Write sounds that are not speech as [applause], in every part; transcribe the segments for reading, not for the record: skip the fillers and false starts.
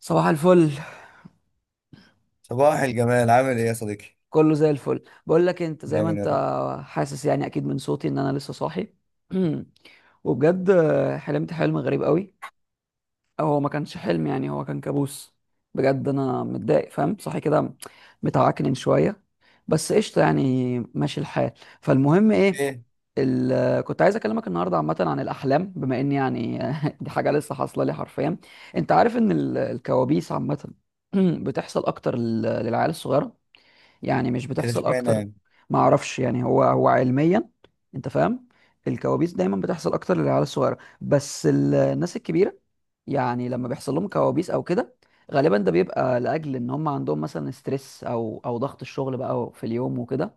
صباح الفل. صباح الجمال، عامل ايه يا صديقي؟ كله زي الفل، بقول لك انت زي ما دايما يا انت. رب. حاسس يعني اكيد من صوتي ان انا لسه صاحي. [clears throat] وبجد حلمت حلم غريب قوي، او هو ما كانش حلم، يعني هو كان كابوس. بجد انا متضايق، فاهم، صاحي كده متعكنن شويه، بس قشطه يعني ماشي الحال. فالمهم ايه، ايه كنت عايز اكلمك النهارده عامه عن الاحلام، بما ان يعني [laughs] دي حاجه لسه حاصله لي حرفيا. انت عارف ان الكوابيس عامه [clears throat] بتحصل اكتر للعيال الصغيره، يعني مش ايه ده بتحصل اشمعنى اكتر. يعني؟ ما اعرفش يعني هو علميا، انت فاهم. الكوابيس دايما بتحصل اكتر للعيال الصغيره، بس الناس الكبيره يعني لما بيحصل لهم كوابيس او كده، غالبا ده بيبقى لاجل ان هم عندهم مثلا ستريس او ضغط الشغل بقى في اليوم وكده.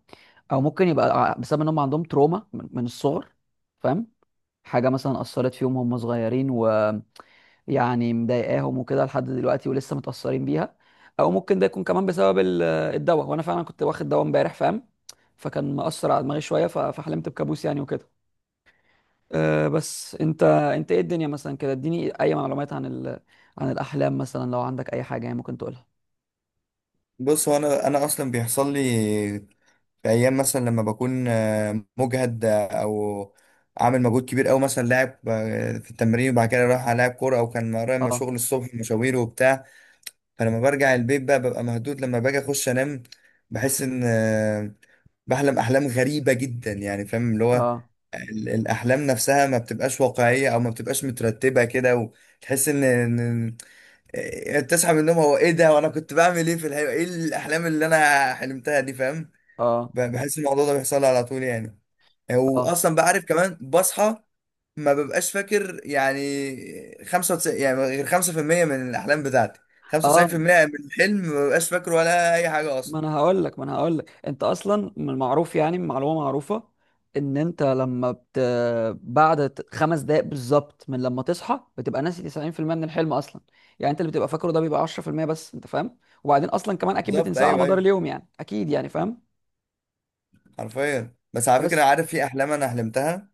او ممكن يبقى بسبب ان هم عندهم تروما من الصغر، فاهم، حاجه مثلا اثرت فيهم وهم صغيرين و يعني مضايقاهم وكده لحد دلوقتي ولسه متأثرين بيها. او ممكن ده يكون كمان بسبب الدواء، وانا فعلا كنت واخد دواء امبارح، فاهم، فكان مأثر على دماغي شوية فحلمت بكابوس يعني وكده. أه بس انت ايه الدنيا مثلا كده؟ اديني اي معلومات عن عن الاحلام مثلا، لو عندك اي حاجة يعني ممكن تقولها. بص، هو انا اصلا بيحصل لي في ايام مثلا لما بكون مجهد، او عامل مجهود كبير قوي، مثلا لاعب في التمرين وبعد كده رايح العب كوره، او كان ورايا ما اه شغل الصبح، مشاوير وبتاع. فلما برجع البيت بقى ببقى مهدود، لما باجي اخش انام بحس ان بحلم احلام غريبه جدا، يعني فاهم اللي هو اه الاحلام نفسها ما بتبقاش واقعيه او ما بتبقاش مترتبه كده، وتحس ان تصحى من النوم، هو ايه ده وانا كنت بعمل ايه في الحلم؟ ايه الاحلام اللي انا حلمتها دي؟ فاهم. اه بحس الموضوع ده بيحصل لي على طول يعني، اه واصلا بعرف كمان بصحى ما ببقاش فاكر. يعني 95، يعني غير 5% من الاحلام بتاعتي، اه 95% من الحلم ما ببقاش فاكره ولا اي حاجه ما اصلا. انا هقول لك، ما انا هقول لك، انت اصلا من المعروف، يعني من معلومه معروفه، ان انت بعد 5 دقائق بالظبط من لما تصحى بتبقى ناسي 90% من الحلم اصلا. يعني انت اللي بتبقى فاكره ده بيبقى 10% بس، انت فاهم. وبعدين اصلا كمان اكيد بالظبط، بتنساه على ايوه مدار ايوه. اليوم، يعني اكيد، يعني فاهم. حرفيا، بس على فكرة، بس عارف في أحلام أنا حلمتها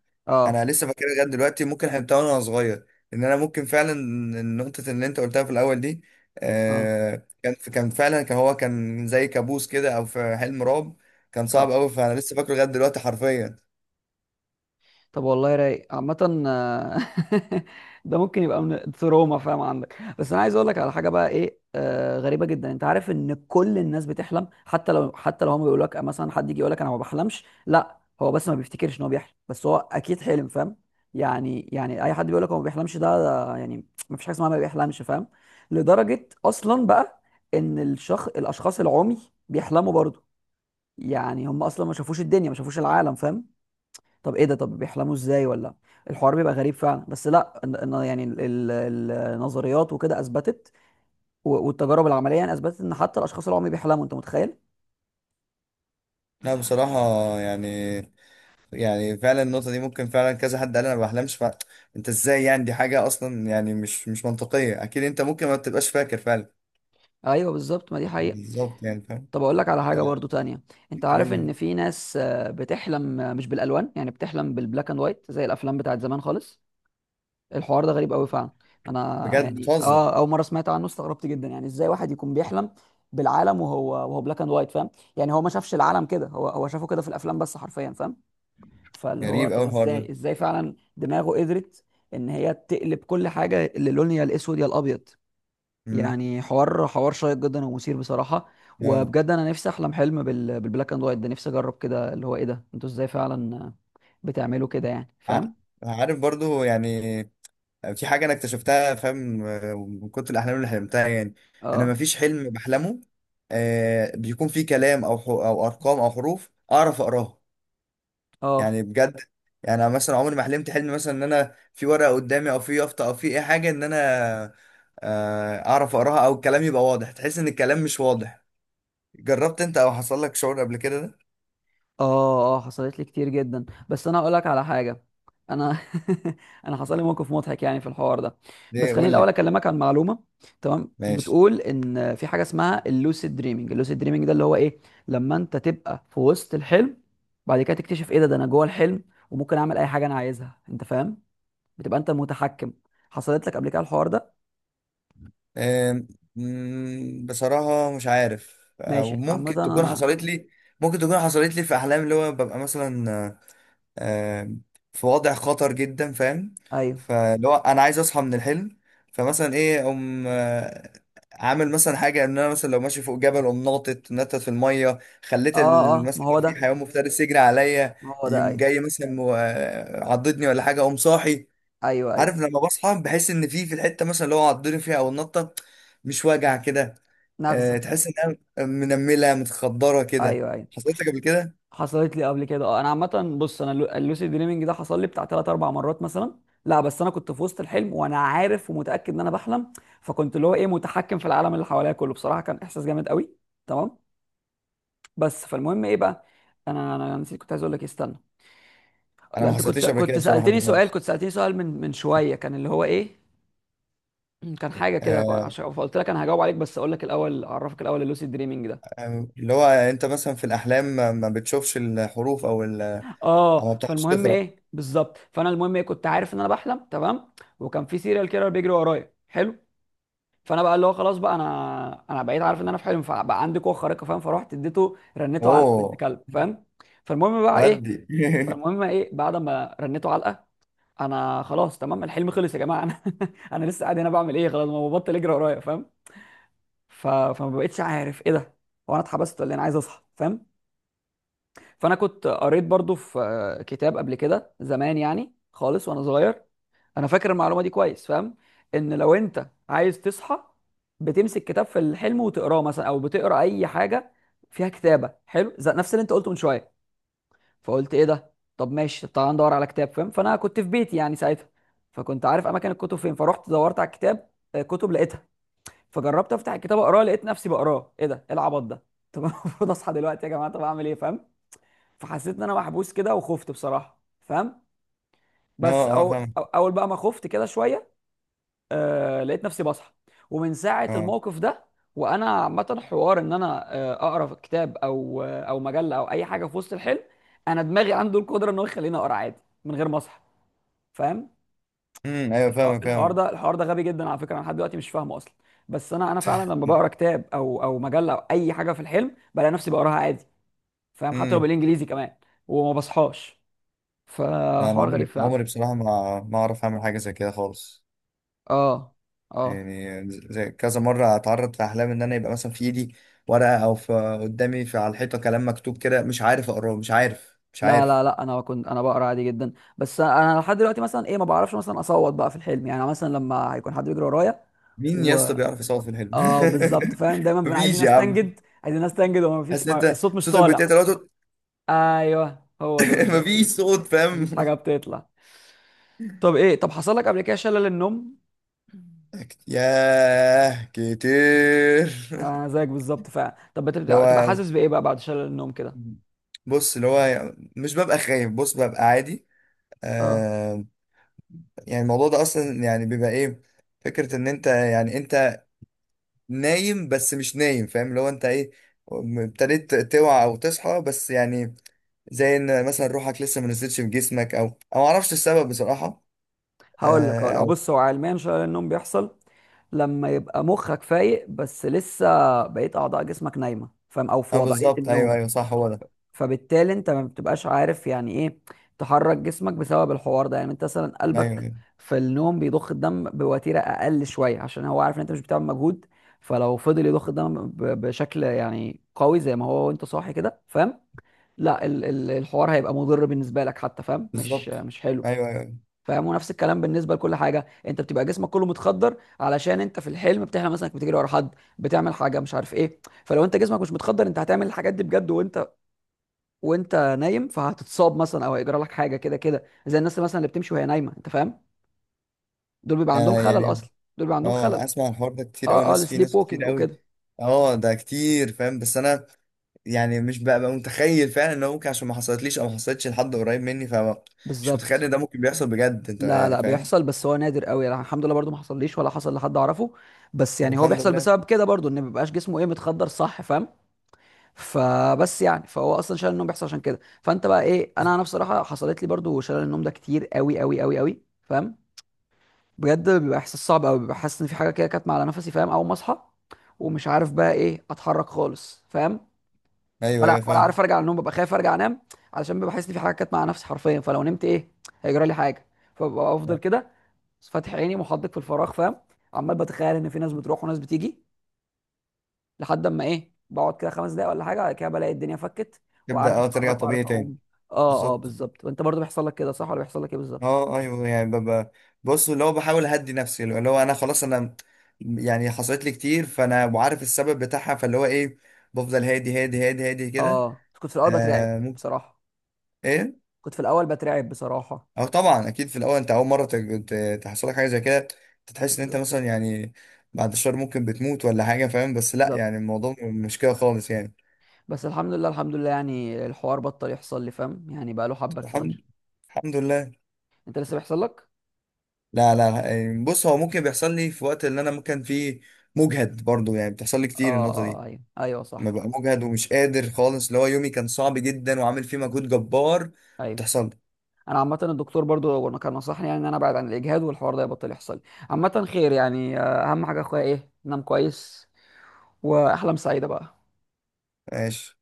أنا اه لسه فاكرها لغاية دلوقتي، ممكن حلمتها وأنا صغير. إن أنا ممكن فعلا، النقطة اللي أنت قلتها في الأول دي، اه آه، كان كان فعلا كان هو كان زي كابوس كده أو في حلم رعب، كان صعب اه أوي، فأنا لسه فاكره لغاية دلوقتي حرفيا. طب والله رايق عامة. [laughs] ده ممكن يبقى من تروما، فاهم، عندك. بس انا عايز اقول لك على حاجة بقى ايه، غريبة جدا. انت عارف ان كل الناس بتحلم، حتى لو حتى لو هم بيقولوا لك مثلا، حد يجي يقول لك انا ما بحلمش، لا هو بس ما بيفتكرش ان هو بيحلم، بس هو اكيد حلم، فاهم. يعني اي حد بيقول لك هو ما بيحلمش ده, ده يعني ما فيش حاجة اسمها ما بيحلمش، فاهم. لدرجة اصلا بقى ان الشخص، الاشخاص العمي بيحلموا برضه. يعني هم اصلا ما شافوش الدنيا، ما شافوش العالم، فاهم. طب ايه ده؟ طب بيحلموا ازاي؟ ولا الحوار بيبقى غريب فعلا. بس لا، إن يعني النظريات وكده اثبتت والتجارب العمليه يعني اثبتت ان حتى الاشخاص اللي هم بيحلموا، انت متخيل؟ لا بصراحة، يعني يعني فعلا النقطة دي، ممكن فعلا كذا حد قال أنا ما بحلمش. ف... أنت إزاي؟ يعني دي حاجة أصلا، يعني مش منطقية. أكيد أنت ممكن ما تبقاش فاكر فعلا. ايوه بالظبط، ما دي حقيقه. بالظبط يعني فاهم. طب اقول لك على آه، حاجه برضو تانية. انت عارف قول لي. ان في ناس بتحلم مش بالالوان، يعني بتحلم بالبلاك اند وايت زي الافلام بتاعت زمان خالص. الحوار ده غريب قوي فعلا. انا بجد يعني بتهزر؟ اه اول مره سمعت عنه استغربت جدا، يعني ازاي واحد يكون بيحلم بالعالم وهو بلاك اند وايت، فاهم. يعني هو ما شافش العالم كده، هو شافه كده في الافلام بس حرفيا، فاهم. فاللي هو غريب طب قوي الحوار ازاي، ده. ازاي فعلا دماغه قدرت ان هي تقلب كل حاجه اللي لون يا الاسود يا الابيض. مم. يعني حوار شيق جدا ومثير بصراحه. آه. وبجد انا نفسي احلم حلم بالبلاك اند وايت ده، نفسي اجرب كده، اللي هو ايه ده، انتوا ازاي فعلا بتعملوا كده، يعني ع- فاهم. عارف برضو يعني في حاجه انا اكتشفتها، فاهم، من كتر الاحلام اللي حلمتها يعني. انا ما اه فيش حلم بحلمه آه بيكون فيه كلام، او او ارقام او حروف اعرف اقراها. اه يعني بجد، يعني انا مثلا عمري ما حلمت حلم، مثلا ان انا في ورقه قدامي او في يافطه او في اي حاجه، ان انا آه اعرف اقراها او الكلام يبقى واضح. تحس ان الكلام مش واضح. جربت انت او حصل لك شعور قبل كده ده؟ اه حصلت لي كتير جدا، بس انا هقول لك على حاجه. انا [laughs] انا حصل لي موقف مضحك يعني في الحوار ده. بس ليه؟ خليني قول الاول لي. اكلمك عن معلومه، تمام؟ ماشي. بتقول ان في حاجه اسمها اللوسيد دريمينج. اللوسيد دريمينج ده اللي هو ايه، لما انت تبقى في وسط الحلم، بعد كده تكتشف ايه ده، ده انا جوه الحلم، وممكن اعمل اي حاجه انا عايزها، انت فاهم. بتبقى انت المتحكم. حصلت لك قبل كده الحوار ده؟ آم، مم، بصراحة مش عارف، أو ماشي، عامه ممكن تكون انا، حصلت لي. ممكن تكون حصلت لي في أحلام، اللي هو ببقى مثلا آه، آم، في وضع خطر جدا، فاهم. ايوه، فاللي هو أنا عايز أصحى من الحلم، فمثلا إيه، أقوم عامل مثلا حاجة إن أنا مثلا، لو ماشي فوق جبل أقوم ناطط نطت في المية، خليت اه اه، ما مثلا لو هو في ده، حيوان مفترس يجري عليا، ما هو ده، يقوم ايوه جاي مثلا عضدني ولا حاجة، أقوم صاحي. ايوه ايوه، عارف لما بصحى بحس ان في الحته مثلا اللي هو عضني فيها او النطه، مش واجع كده. أه، نغزه، تحس انها منمله متخدره كده. ايوه ايوه. حصلت لك قبل كده؟ حصلت لي قبل كده اه. انا عامه، بص، انا اللوسيد دريمينج ده حصل لي بتاع 3 4 مرات مثلا. لا بس انا كنت في وسط الحلم وانا عارف ومتاكد ان انا بحلم، فكنت اللي هو ايه متحكم في العالم اللي حواليا كله. بصراحه كان احساس جامد قوي، تمام. بس فالمهم ايه بقى، انا نسيت. كنت عايز اقول لك إيه، استنى. انا لا ما انت كنت حصلتليش قبل كده كنت بصراحه دي سالتني سؤال، خالص. كنت سالتني سؤال من شويه، كان اللي هو ايه، كان حاجه كده، أه، عشان فقلت لك انا هجاوب عليك، بس اقول لك الاول، اعرفك الاول اللوسيد دريمينج ده. اللي هو انت مثلا في الاحلام ما بتشوفش الحروف، او او ما اه بتعرفش فالمهم تقرا؟ ايه بالظبط، فانا المهم ايه، كنت عارف ان انا بحلم، تمام، وكان في سيريال كيلر بيجري ورايا. حلو. فانا بقى اللي هو خلاص بقى، انا بقيت عارف ان انا في حلم، فبقى عندي قوه خارقه، فاهم، فروحت اديته، رنيته علقه بنت اوه. كلب، فاهم. فالمهم بقى ايه، ودي [laughs] فالمهم ايه، بعد ما رنيته علقه، انا خلاص تمام الحلم خلص يا جماعه، انا [laughs] انا لسه قاعد هنا بعمل ايه؟ خلاص ما هو بطل يجري ورايا، فاهم. فما بقتش عارف ايه ده، هو انا اتحبست ولا إيه؟ انا عايز اصحى، فاهم. فانا كنت قريت برضو في كتاب قبل كده، زمان يعني خالص وانا صغير. انا فاكر المعلومه دي كويس، فاهم. ان لو انت عايز تصحى، بتمسك كتاب في الحلم وتقراه مثلا، او بتقرا اي حاجه فيها كتابه، حلو، زي نفس اللي انت قلته من شويه. فقلت ايه ده، طب ماشي، طب تعالى ندور على كتاب، فاهم. فانا كنت في بيتي يعني ساعتها، فكنت عارف اماكن الكتب فين، فروحت دورت على الكتاب، كتب لقيتها. فجربت افتح الكتاب اقراه، لقيت نفسي بقراه. ايه ده، ايه العبط ده؟ طب [laughs] انا المفروض اصحى دلوقتي يا جماعه، طب اعمل ايه؟ فاهم. فحسيت ان انا محبوس كده، وخفت بصراحه، فاهم. اه بس اه فاهمك. اول بقى ما خفت كده شويه، لقيت نفسي بصحى. ومن ساعه اه. الموقف ده وانا عامه حوار ان انا اقرا كتاب او مجله او اي حاجه في وسط الحلم، انا دماغي عنده القدره ان هو يخليني اقرا عادي من غير ما اصحى، فاهم. ايوه، فاهمك الحوار فاهمك ده، الحوار ده غبي جدا على فكره، انا لحد دلوقتي مش فاهمه اصلا. بس انا فعلا لما بقرا كتاب او مجله او اي حاجه في الحلم، بلاقي نفسي بقراها عادي، فاهم، حتى لو امم. بالانجليزي كمان، وما بصحاش. انا فحوار غريب عمري فعلا. بصراحه ما اعرف اعمل حاجه زي كده خالص. اه اه. يعني زي كذا مرة أتعرض في أحلام، إن أنا يبقى مثلا في إيدي ورقة أو في قدامي في على الحيطة كلام مكتوب كده، مش عارف أقراه، مش عارف مش لا لا عارف لا انا كنت انا بقرا عادي جدا. بس انا لحد دلوقتي مثلا ايه، ما بعرفش مثلا اصوت بقى في الحلم، يعني مثلا لما هيكون حد بيجري ورايا مين يا و اسطى بيعرف يصور في الحلم؟ اه بالظبط، فاهم. دايما [laughs] بنبقى عايزين مفيش يا عم. نستنجد، عايزين نستنجد، وما حاسس فيش، إن ما... أنت الصوت مش صوتك طالع. بيتقطع. [laughs] ايوه هو ده بالظبط مفيش كده. صوت فاهم. مفيش حاجه [laughs] بتطلع. طب ايه، طب حصل لك قبل كده شلل النوم؟ ياه، كتير. [laughs] زيك بالظبط فعلا. طب اللي بتبقى هو، حاسس بايه بقى بعد شلل النوم كده؟ بص، اللي هو مش ببقى خايف. بص، ببقى عادي. اه آه. يعني الموضوع ده أصلا يعني بيبقى إيه؟ فكرة إن أنت، يعني أنت نايم بس مش نايم، فاهم، اللي هو انت ايه، ابتديت توعى او تصحى بس يعني زي ان مثلا روحك لسه ما نزلتش في جسمك، او معرفش السبب بصراحة. هقول لك، آه، هقول لك. او بص هو علميا شلل النوم بيحصل لما يبقى مخك فايق بس لسه بقية أعضاء جسمك نايمة، فاهم، أو في او وضعية بالظبط ايوه النوم. ايوه، صح، هو ده. فبالتالي أنت ما بتبقاش عارف يعني إيه تحرك جسمك، بسبب الحوار ده. يعني أنت مثلا ايوه قلبك ايوه في النوم بيضخ الدم بوتيرة أقل شوية، عشان هو عارف إن أنت مش بتعمل مجهود. فلو فضل يضخ الدم بشكل يعني قوي زي ما هو وأنت صاحي كده، فاهم، لا الحوار هيبقى مضر بالنسبة لك حتى، فاهم، مش بالظبط. مش حلو، ايوه ايوه. فاهم. ونفس الكلام بالنسبه لكل حاجه. انت بتبقى جسمك كله متخدر، علشان انت في الحلم بتحلم مثلا انك بتجري ورا حد، بتعمل حاجه مش عارف ايه، فلو انت جسمك مش متخدر، انت هتعمل الحاجات دي بجد وانت وانت نايم، فهتتصاب مثلا او هيجرى لك حاجه كده كده، زي الناس اللي مثلا اللي بتمشي وهي نايمه، انت فاهم. دول بيبقى عندهم يعني خلل يعني اصلا، دول بيبقى عندهم خلل. اه، اسمع، الحوار ده كتير قوي، اه اه ناس، في السليب ناس كتير ووكينج قوي. وكده. اه، ده كتير فاهم، بس انا يعني مش ببقى متخيل فعلا ان هو ممكن، عشان ما حصلتليش او ما حصلتش لحد قريب مني، فمش متخيل بالظبط. ان ده ممكن مم. بيحصل بجد انت لا يعني لا فاهم. بيحصل، بس هو نادر قوي. لا، الحمد لله برضو ما حصليش ولا حصل لحد اعرفه. بس طب يعني هو الحمد بيحصل لله. بسبب كده برضو، ان ما بيبقاش جسمه ايه متخدر، صح، فاهم. فبس يعني، فهو اصلا شلل النوم بيحصل عشان كده. فانت بقى ايه، انا بصراحه حصلت لي برضو شلل النوم ده كتير قوي قوي قوي قوي، فاهم. بجد بيبقى احساس صعب قوي. ببقى حاسس ان في حاجه كده كانت معلقه نفسي، فاهم، اول ما اصحى، ومش عارف بقى ايه، اتحرك خالص، فاهم. ايوه ولا ايوه ولا فاهم. عارف ارجع النوم، ببقى خايف ارجع انام، علشان ببقى حاسس ان في حاجه كانت مع نفسي حرفيا، فلو نمت ايه هيجرى لي حاجه. فببقى افضل كده فاتح عيني محدق في الفراغ، فاهم، عمال بتخيل ان في ناس بتروح وناس بتيجي، لحد اما ايه بقعد كده 5 دقايق ولا حاجه، بعد كده بلاقي الدنيا فكت، تبدا وعارف اه ترجع اتحرك طبيعي وعارف تاني. اقوم. اه اه بالظبط. بالظبط. وانت برضو بيحصل لك كده صح، ولا بيحصل لك ايه بالظبط؟ اه ايوه. يعني ببقى، بص، اللي هو بحاول اهدي نفسي، اللي هو انا خلاص انا يعني حصلت لي كتير فانا وعارف السبب بتاعها، فاللي هو ايه، بفضل هادي هادي هادي هادي كده. اه كنت في الاول بترعب آه ممكن. بصراحه، ايه. كنت في الاول بترعب بصراحه. اه طبعا، اكيد في الاول، انت اول مره تحصل لك حاجه زي كده، أنت تحس ان انت بالظبط، مثلا يعني بعد الشهر ممكن بتموت ولا حاجه فاهم، بس لا يعني بالظبط الموضوع مش كده خالص يعني. بس الحمد لله، الحمد لله يعني الحوار بطل يحصل لي، فاهم، يعني بقى له حبه الحمد كتير. الحمد لله. انت لسه بيحصل لك؟ لا لا لا، يعني بص هو ممكن بيحصل لي في وقت اللي انا ممكن فيه مجهد برضو، يعني بتحصل لي كتير اه النقطة اه، دي، ايوه ايوه لما صح. ببقى مجهد ومش قادر خالص، اللي هو يومي كان صعب جدا وعامل فيه مجهود جبار، ايوه بتحصل لي. انا عامه الدكتور برضو وانا كان نصحني، يعني ان انا ابعد عن الاجهاد والحوار ده يبطل يحصل لي. عامه خير يعني، اهم حاجه يا اخويا ايه، نام كويس، واحلام سعيده بقى. ماشي.